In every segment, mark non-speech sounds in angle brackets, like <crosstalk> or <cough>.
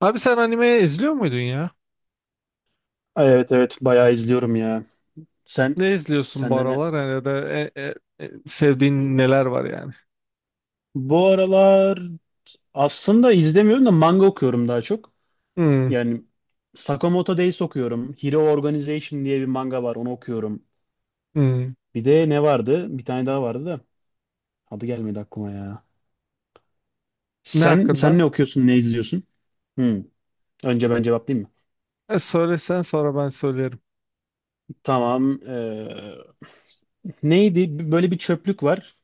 Abi sen anime izliyor muydun ya? Ay, evet evet bayağı izliyorum ya. Sen Ne izliyorsun bu Senden ne? aralar? Yani ya da sevdiğin neler var yani? Bu aralar aslında izlemiyorum da manga okuyorum daha çok. Hmm, Yani Sakamoto Days okuyorum. Hero Organization diye bir manga var onu okuyorum. hmm. Bir de ne vardı? Bir tane daha vardı da adı gelmedi aklıma ya. Ne Sen hakkında? ne okuyorsun, ne izliyorsun? Hmm. Önce ben cevaplayayım mı? Söylesen sonra ben söylerim. Tamam. Neydi? Böyle bir çöplük var.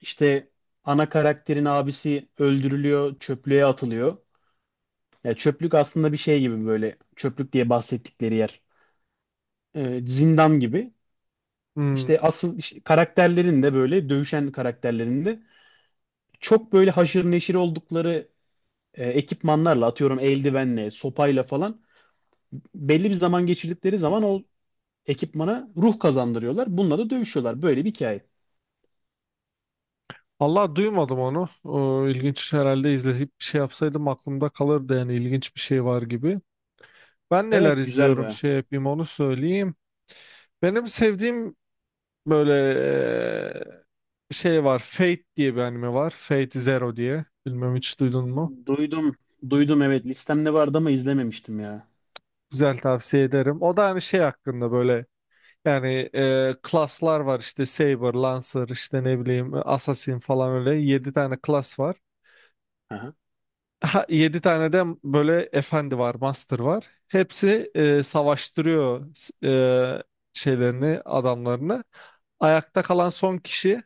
İşte ana karakterin abisi öldürülüyor, çöplüğe atılıyor. Ya çöplük aslında bir şey gibi böyle çöplük diye bahsettikleri yer. Zindan gibi. İşte Hmm. asıl işte karakterlerin de böyle dövüşen karakterlerin de çok böyle haşır neşir oldukları ekipmanlarla atıyorum eldivenle, sopayla falan belli bir zaman geçirdikleri zaman o ekipmana ruh kazandırıyorlar. Bununla da dövüşüyorlar. Böyle bir hikaye. Allah duymadım onu. O, ilginç herhalde izleyip bir şey yapsaydım aklımda kalırdı yani ilginç bir şey var gibi. Ben neler Evet, güzel izliyorum baya. şey yapayım onu söyleyeyim. Benim sevdiğim böyle şey var. Fate diye bir anime var. Fate Zero diye. Bilmem hiç duydun mu? Duydum. Duydum, evet, listemde vardı ama izlememiştim ya. Güzel tavsiye ederim. O da hani şey hakkında böyle yani klaslar var işte Saber, Lancer işte ne bileyim Assassin falan öyle 7 tane klas var. Aha. Ha, 7 tane de böyle efendi var, master var. Hepsi savaştırıyor şeylerini, adamlarını. Ayakta kalan son kişi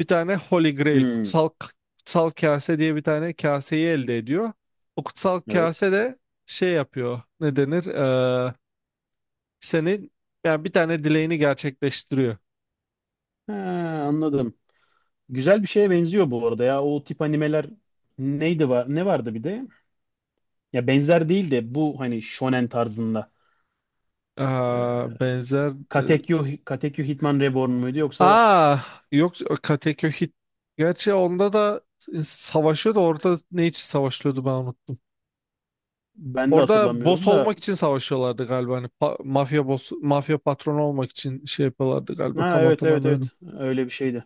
bir tane Holy Grail, Hmm, kutsal, kutsal kase diye bir tane kaseyi elde ediyor. O kutsal evet. kase de şey yapıyor. Ne denir? Senin yani bir tane dileğini gerçekleştiriyor. Ha, anladım. Güzel bir şeye benziyor bu arada ya. O tip animeler neydi var? Ne vardı bir de? Ya benzer değil de bu hani shonen tarzında. Aa, Ee, benzer e, Katekyo Hitman Reborn muydu yoksa Aa yok Kateköy. Gerçi onda da savaşıyordu. Orada ne için savaşıyordu ben unuttum. ben de Orada boss hatırlamıyorum da. olmak için savaşıyorlardı galiba. Hani mafya boss, mafya patronu olmak için şey yapıyorlardı galiba. Ha, Tam evet evet hatırlamıyorum. evet, öyle bir şeydi.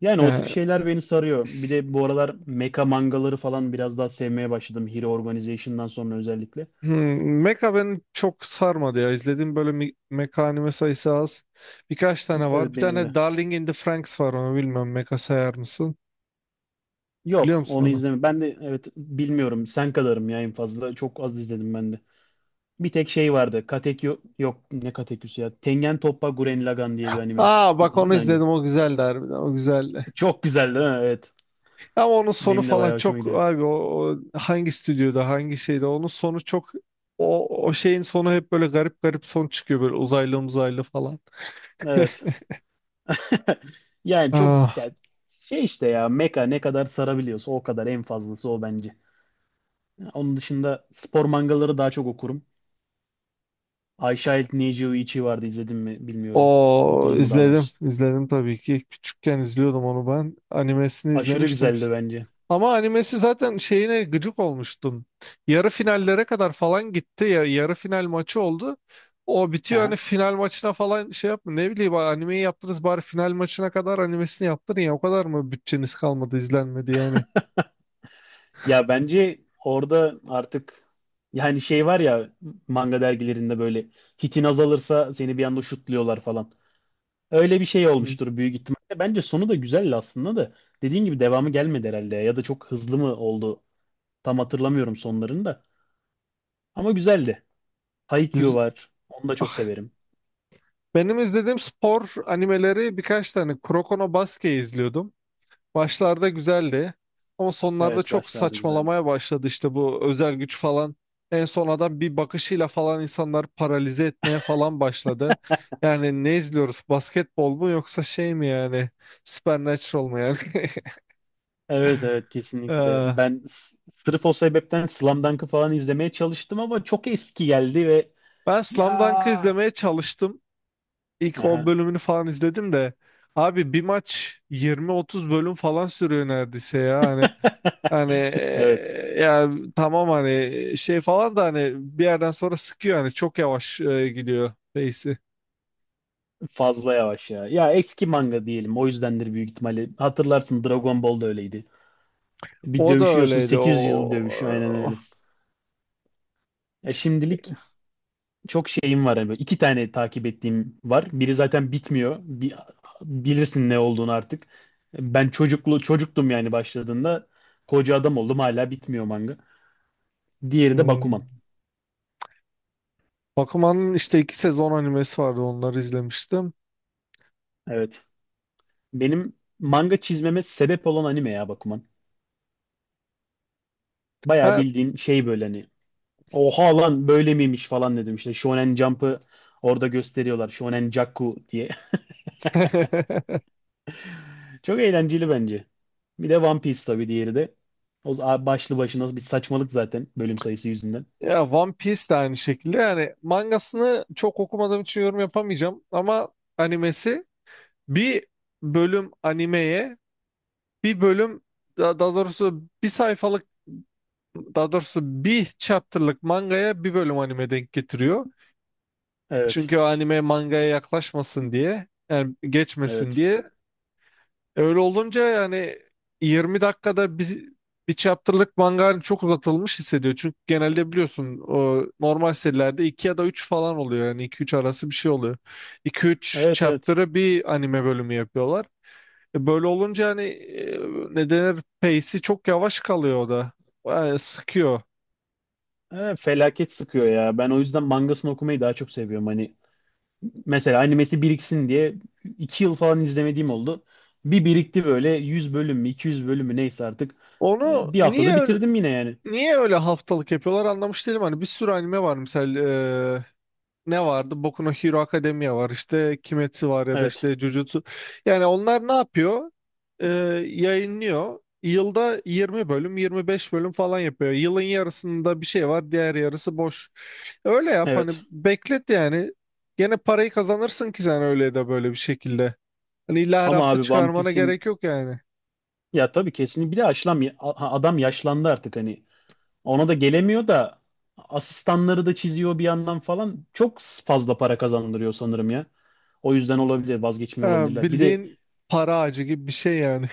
Yani o tip Yani, şeyler beni sarıyor. Bir de bu aralar meka mangaları falan biraz daha sevmeye başladım. Hero Organization'dan sonra özellikle. Mecha beni çok sarmadı ya. İzlediğim böyle Mecha anime sayısı az. Birkaç tane Evet, var. Bir benim tane de. Darling in the Franxx var onu bilmiyorum. Mecha sayar mısın? Biliyor Yok, musun onu onu? izleme. Ben de evet bilmiyorum. Sen kadarım ya en fazla. Çok az izledim ben de. Bir tek şey vardı. Katekyo yok ne Katekyo'su ya. Tengen Toppa Gurren Lagann diye bir anime. Aa bak İzledin mi onu daha önce? izledim o güzeldi harbiden o güzeldi. Çok güzeldi ha? Evet. Ama onun sonu Benim de falan bayağı hoşuma çok gidiyor. abi o, o hangi stüdyoda hangi şeyde onun sonu çok o, o şeyin sonu hep böyle garip garip son çıkıyor böyle uzaylı uzaylı falan. <laughs> Evet. <laughs> Yani çok Ah, ya şey işte ya meka ne kadar sarabiliyorsa o kadar en fazlası o bence. Onun dışında spor mangaları daha çok okurum. I Child Need You Ichi vardı izledim mi bilmiyorum. o Okudum mu daha izledim doğrusu. izledim tabii ki küçükken izliyordum onu ben animesini Aşırı izlemiştim. güzeldi bence. Ama animesi zaten şeyine gıcık olmuştum. Yarı finallere kadar falan gitti ya yarı final maçı oldu. O bitiyor hani <laughs> final maçına falan şey yapma ne bileyim animeyi yaptınız bari final maçına kadar animesini yaptırın ya o kadar mı bütçeniz kalmadı izlenmedi yani. Ya bence orada artık yani şey var ya manga dergilerinde böyle hitin azalırsa seni bir anda şutluyorlar falan. Öyle bir şey olmuştur büyük ihtimalle. Bence sonu da güzeldi aslında da. Dediğin gibi devamı gelmedi herhalde ya da çok hızlı mı oldu? Tam hatırlamıyorum sonlarını da. Ama güzeldi. Haikyuu Güz- var. Onu da çok Ah, severim. benim izlediğim spor animeleri birkaç tane Kuroko no Basket'i izliyordum. Başlarda güzeldi ama sonlarda Evet, çok başlarda güzeldi. saçmalamaya başladı işte bu özel güç falan. En son adam bir bakışıyla falan insanlar paralize etmeye falan başladı. Yani ne izliyoruz? Basketbol mu yoksa şey mi yani? Supernatural mu yani? <laughs> Evet evet, kesinlikle. Ee, Ben sırf o sebepten Slam Dunk'ı falan izlemeye çalıştım ama çok eski geldi ve Ben ya Slam Dunk'ı izlemeye çalıştım. İlk 10 bölümünü falan izledim de. Abi bir maç 20-30 bölüm falan sürüyor neredeyse ya. Hani evet, ya tamam hani şey falan da hani bir yerden sonra sıkıyor hani çok yavaş gidiyor pace'i. fazla yavaş ya. Ya eski manga diyelim. O yüzdendir büyük ihtimalle. Hatırlarsın, Dragon Ball da öyleydi. Bir O da dövüşüyorsun öyleydi. 800 O, yıl dövüş aynen o öyle. Ya şimdilik çok şeyim var. Yani. Böyle iki tane takip ettiğim var. Biri zaten bitmiyor. Bilirsin ne olduğunu artık. Ben çocuktum yani başladığında. Koca adam oldum hala bitmiyor manga. Diğeri de Hmm. Bakuman. Bakuman'ın işte iki sezon animesi vardı onları izlemiştim. Evet. Benim manga çizmeme sebep olan anime ya Bakuman. Bayağı Ben bildiğin şey böyle hani oha lan böyle miymiş falan dedim. İşte Shonen Jump'ı orada gösteriyorlar. Shonen Jakku diye. <laughs> <laughs> Çok eğlenceli bence. Bir de One Piece tabii, diğeri de. O başlı başına bir saçmalık zaten bölüm sayısı yüzünden. ya One Piece de aynı şekilde yani mangasını çok okumadığım için yorum yapamayacağım ama animesi bir bölüm animeye bir bölüm daha doğrusu bir sayfalık daha doğrusu bir chapter'lık mangaya bir bölüm anime denk getiriyor. Evet. Çünkü o anime mangaya yaklaşmasın diye yani geçmesin Evet. diye. Öyle olunca yani 20 dakikada bir, bir chapter'lık manga hani çok uzatılmış hissediyor. Çünkü genelde biliyorsun o normal serilerde 2 ya da 3 falan oluyor. Yani iki üç arası bir şey oluyor. İki üç Evet evet. chapter'ı bir anime bölümü yapıyorlar. Böyle olunca hani ne denir pace'i çok yavaş kalıyor o da. Yani sıkıyor. Evet, felaket sıkıyor ya. Ben o yüzden mangasını okumayı daha çok seviyorum. Hani mesela animesi biriksin diye 2 yıl falan izlemediğim oldu. Bir birikti böyle 100 bölüm mü 200 bölüm mü neyse artık. Onu Bir haftada niye bitirdim yine yani. Niye öyle haftalık yapıyorlar anlamış değilim. Hani bir sürü anime var mesela eee, ne vardı? Boku no Hero Academia var işte Kimetsu var ya da Evet. işte Jujutsu. Yani onlar ne yapıyor? Eee, Yayınlıyor. Yılda 20 bölüm 25 bölüm falan yapıyor. Yılın yarısında bir şey var diğer yarısı boş. Öyle yap hani Evet. beklet yani. Gene parayı kazanırsın ki sen öyle de böyle bir şekilde. Hani illa her Ama hafta abi One çıkarmana Piece'in gerek yok yani. ya tabii kesin bir de adam yaşlandı artık hani. Ona da gelemiyor da asistanları da çiziyor bir yandan falan. Çok fazla para kazandırıyor sanırım ya. O yüzden olabilir, vazgeçmiyor Ha, olabilirler. Bir de bildiğin para ağacı gibi bir şey yani.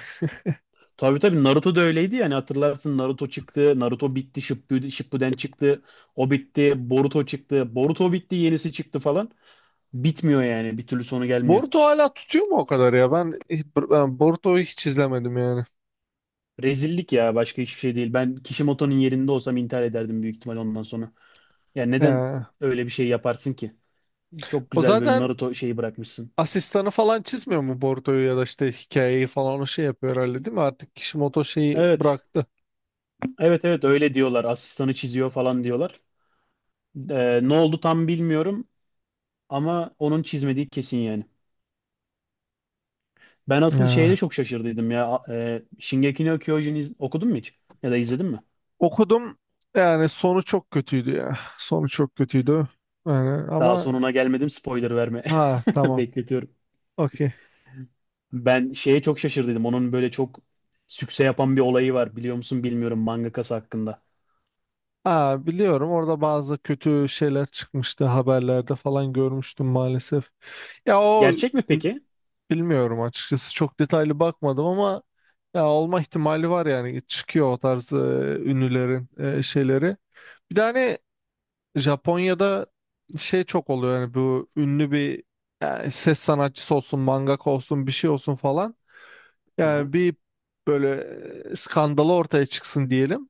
tabii tabii Naruto da öyleydi yani, hatırlarsın, Naruto çıktı, Naruto bitti, Shippuden, Shippuden çıktı, o bitti, Boruto çıktı, Boruto bitti, yenisi çıktı falan. Bitmiyor yani, bir türlü sonu gelmiyor. Boruto hala tutuyor mu o kadar ya? Ben Boruto'yu hiç izlemedim yani. Rezillik ya, başka hiçbir şey değil. Ben Kishimoto'nun yerinde olsam intihar ederdim büyük ihtimal ondan sonra. Yani neden Ee, öyle bir şey yaparsın ki? Çok O güzel böyle zaten Naruto şeyi bırakmışsın. asistanı falan çizmiyor mu Boruto'yu ya da işte hikayeyi falan o şey yapıyor herhalde değil mi? Artık Kishimoto şeyi Evet, bıraktı. evet evet, öyle diyorlar. Asistanı çiziyor falan diyorlar. Ne oldu tam bilmiyorum ama onun çizmediği kesin yani. Ben asıl şeyde Ya. çok şaşırdıydım ya. Shingeki no Kyojin okudun mu hiç? Ya da izledin mi? Okudum yani sonu çok kötüydü ya. Sonu çok kötüydü. Yani Daha ama sonuna gelmedim, spoiler verme. ha <laughs> tamam Bekletiyorum. okey. Ben şeye çok şaşırdıydım. Onun böyle çok sükse yapan bir olayı var. Biliyor musun bilmiyorum mangakası hakkında. Ha biliyorum orada bazı kötü şeyler çıkmıştı haberlerde falan görmüştüm maalesef. Ya o Gerçek mi peki? Bilmiyorum açıkçası çok detaylı bakmadım ama ya olma ihtimali var yani çıkıyor o tarz ünlülerin şeyleri. Bir de hani Japonya'da şey çok oluyor yani bu ünlü bir yani ses sanatçısı olsun, mangaka olsun, bir şey olsun falan. Aha, Yani bir böyle skandalı ortaya çıksın diyelim.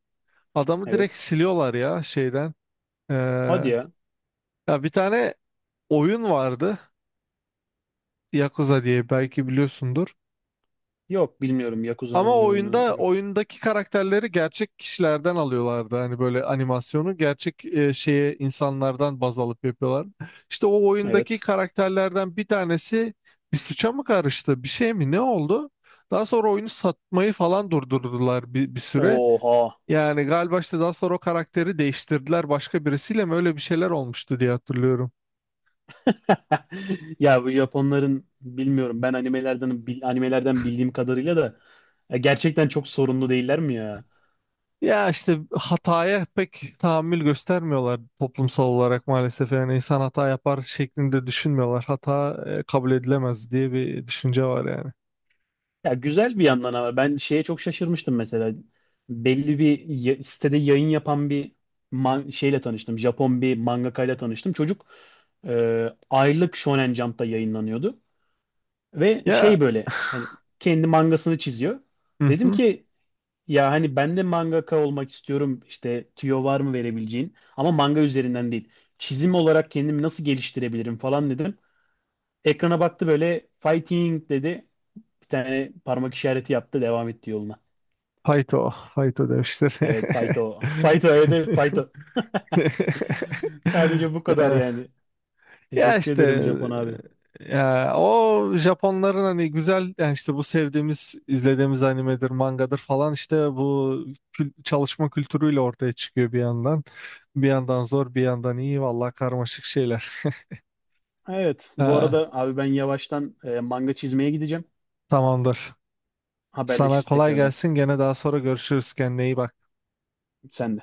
Adamı direkt evet. siliyorlar ya şeyden. Hadi Ee, ya. Ya bir tane oyun vardı Yakuza diye belki biliyorsundur. Yok, bilmiyorum. Ama Yakuza'nın bir oyunu yok. oyundaki karakterleri gerçek kişilerden alıyorlardı. Hani böyle animasyonu gerçek şeye insanlardan baz alıp yapıyorlar. İşte o oyundaki Evet. karakterlerden bir tanesi bir suça mı karıştı, bir şey mi, ne oldu? Daha sonra oyunu satmayı falan durdurdular bir, bir süre. Oha. Yani galiba işte daha sonra o karakteri değiştirdiler başka birisiyle mi öyle bir şeyler olmuştu diye hatırlıyorum. <laughs> Ya bu Japonların bilmiyorum, ben animelerden animelerden bildiğim kadarıyla da ya gerçekten çok sorunlu değiller mi ya? Ya işte hataya pek tahammül göstermiyorlar toplumsal olarak maalesef. Yani insan hata yapar şeklinde düşünmüyorlar. Hata kabul edilemez diye bir düşünce var yani. Ya güzel bir yandan ama ben şeye çok şaşırmıştım mesela. Belli bir sitede yayın yapan bir şeyle tanıştım. Japon bir mangakayla tanıştım. Çocuk aylık Shonen Jump'ta yayınlanıyordu ve Ya, şey böyle hani kendi mangasını çiziyor. hı Dedim hı. ki ya hani ben de mangaka olmak istiyorum. İşte tüyo var mı verebileceğin? Ama manga üzerinden değil. Çizim olarak kendimi nasıl geliştirebilirim falan dedim. Ekrana baktı böyle fighting dedi. Bir tane parmak işareti yaptı. Devam etti yoluna. Hayto Evet, demişler. Faito. <laughs> Faito, evet evet, Faito. <laughs> Sadece bu kadar <laughs> <laughs> yani. Ya Teşekkür işte ederim Japon abi. Ya o Japonların hani güzel yani işte bu sevdiğimiz izlediğimiz animedir, mangadır falan işte bu çalışma kültürüyle ortaya çıkıyor bir yandan. Bir yandan zor, bir yandan iyi vallahi karmaşık şeyler. Evet bu Ha, arada abi, ben yavaştan manga çizmeye gideceğim. tamamdır. Sana Haberleşiriz kolay tekrardan. gelsin. Gene daha sonra görüşürüz. Kendine iyi bak. Sen de.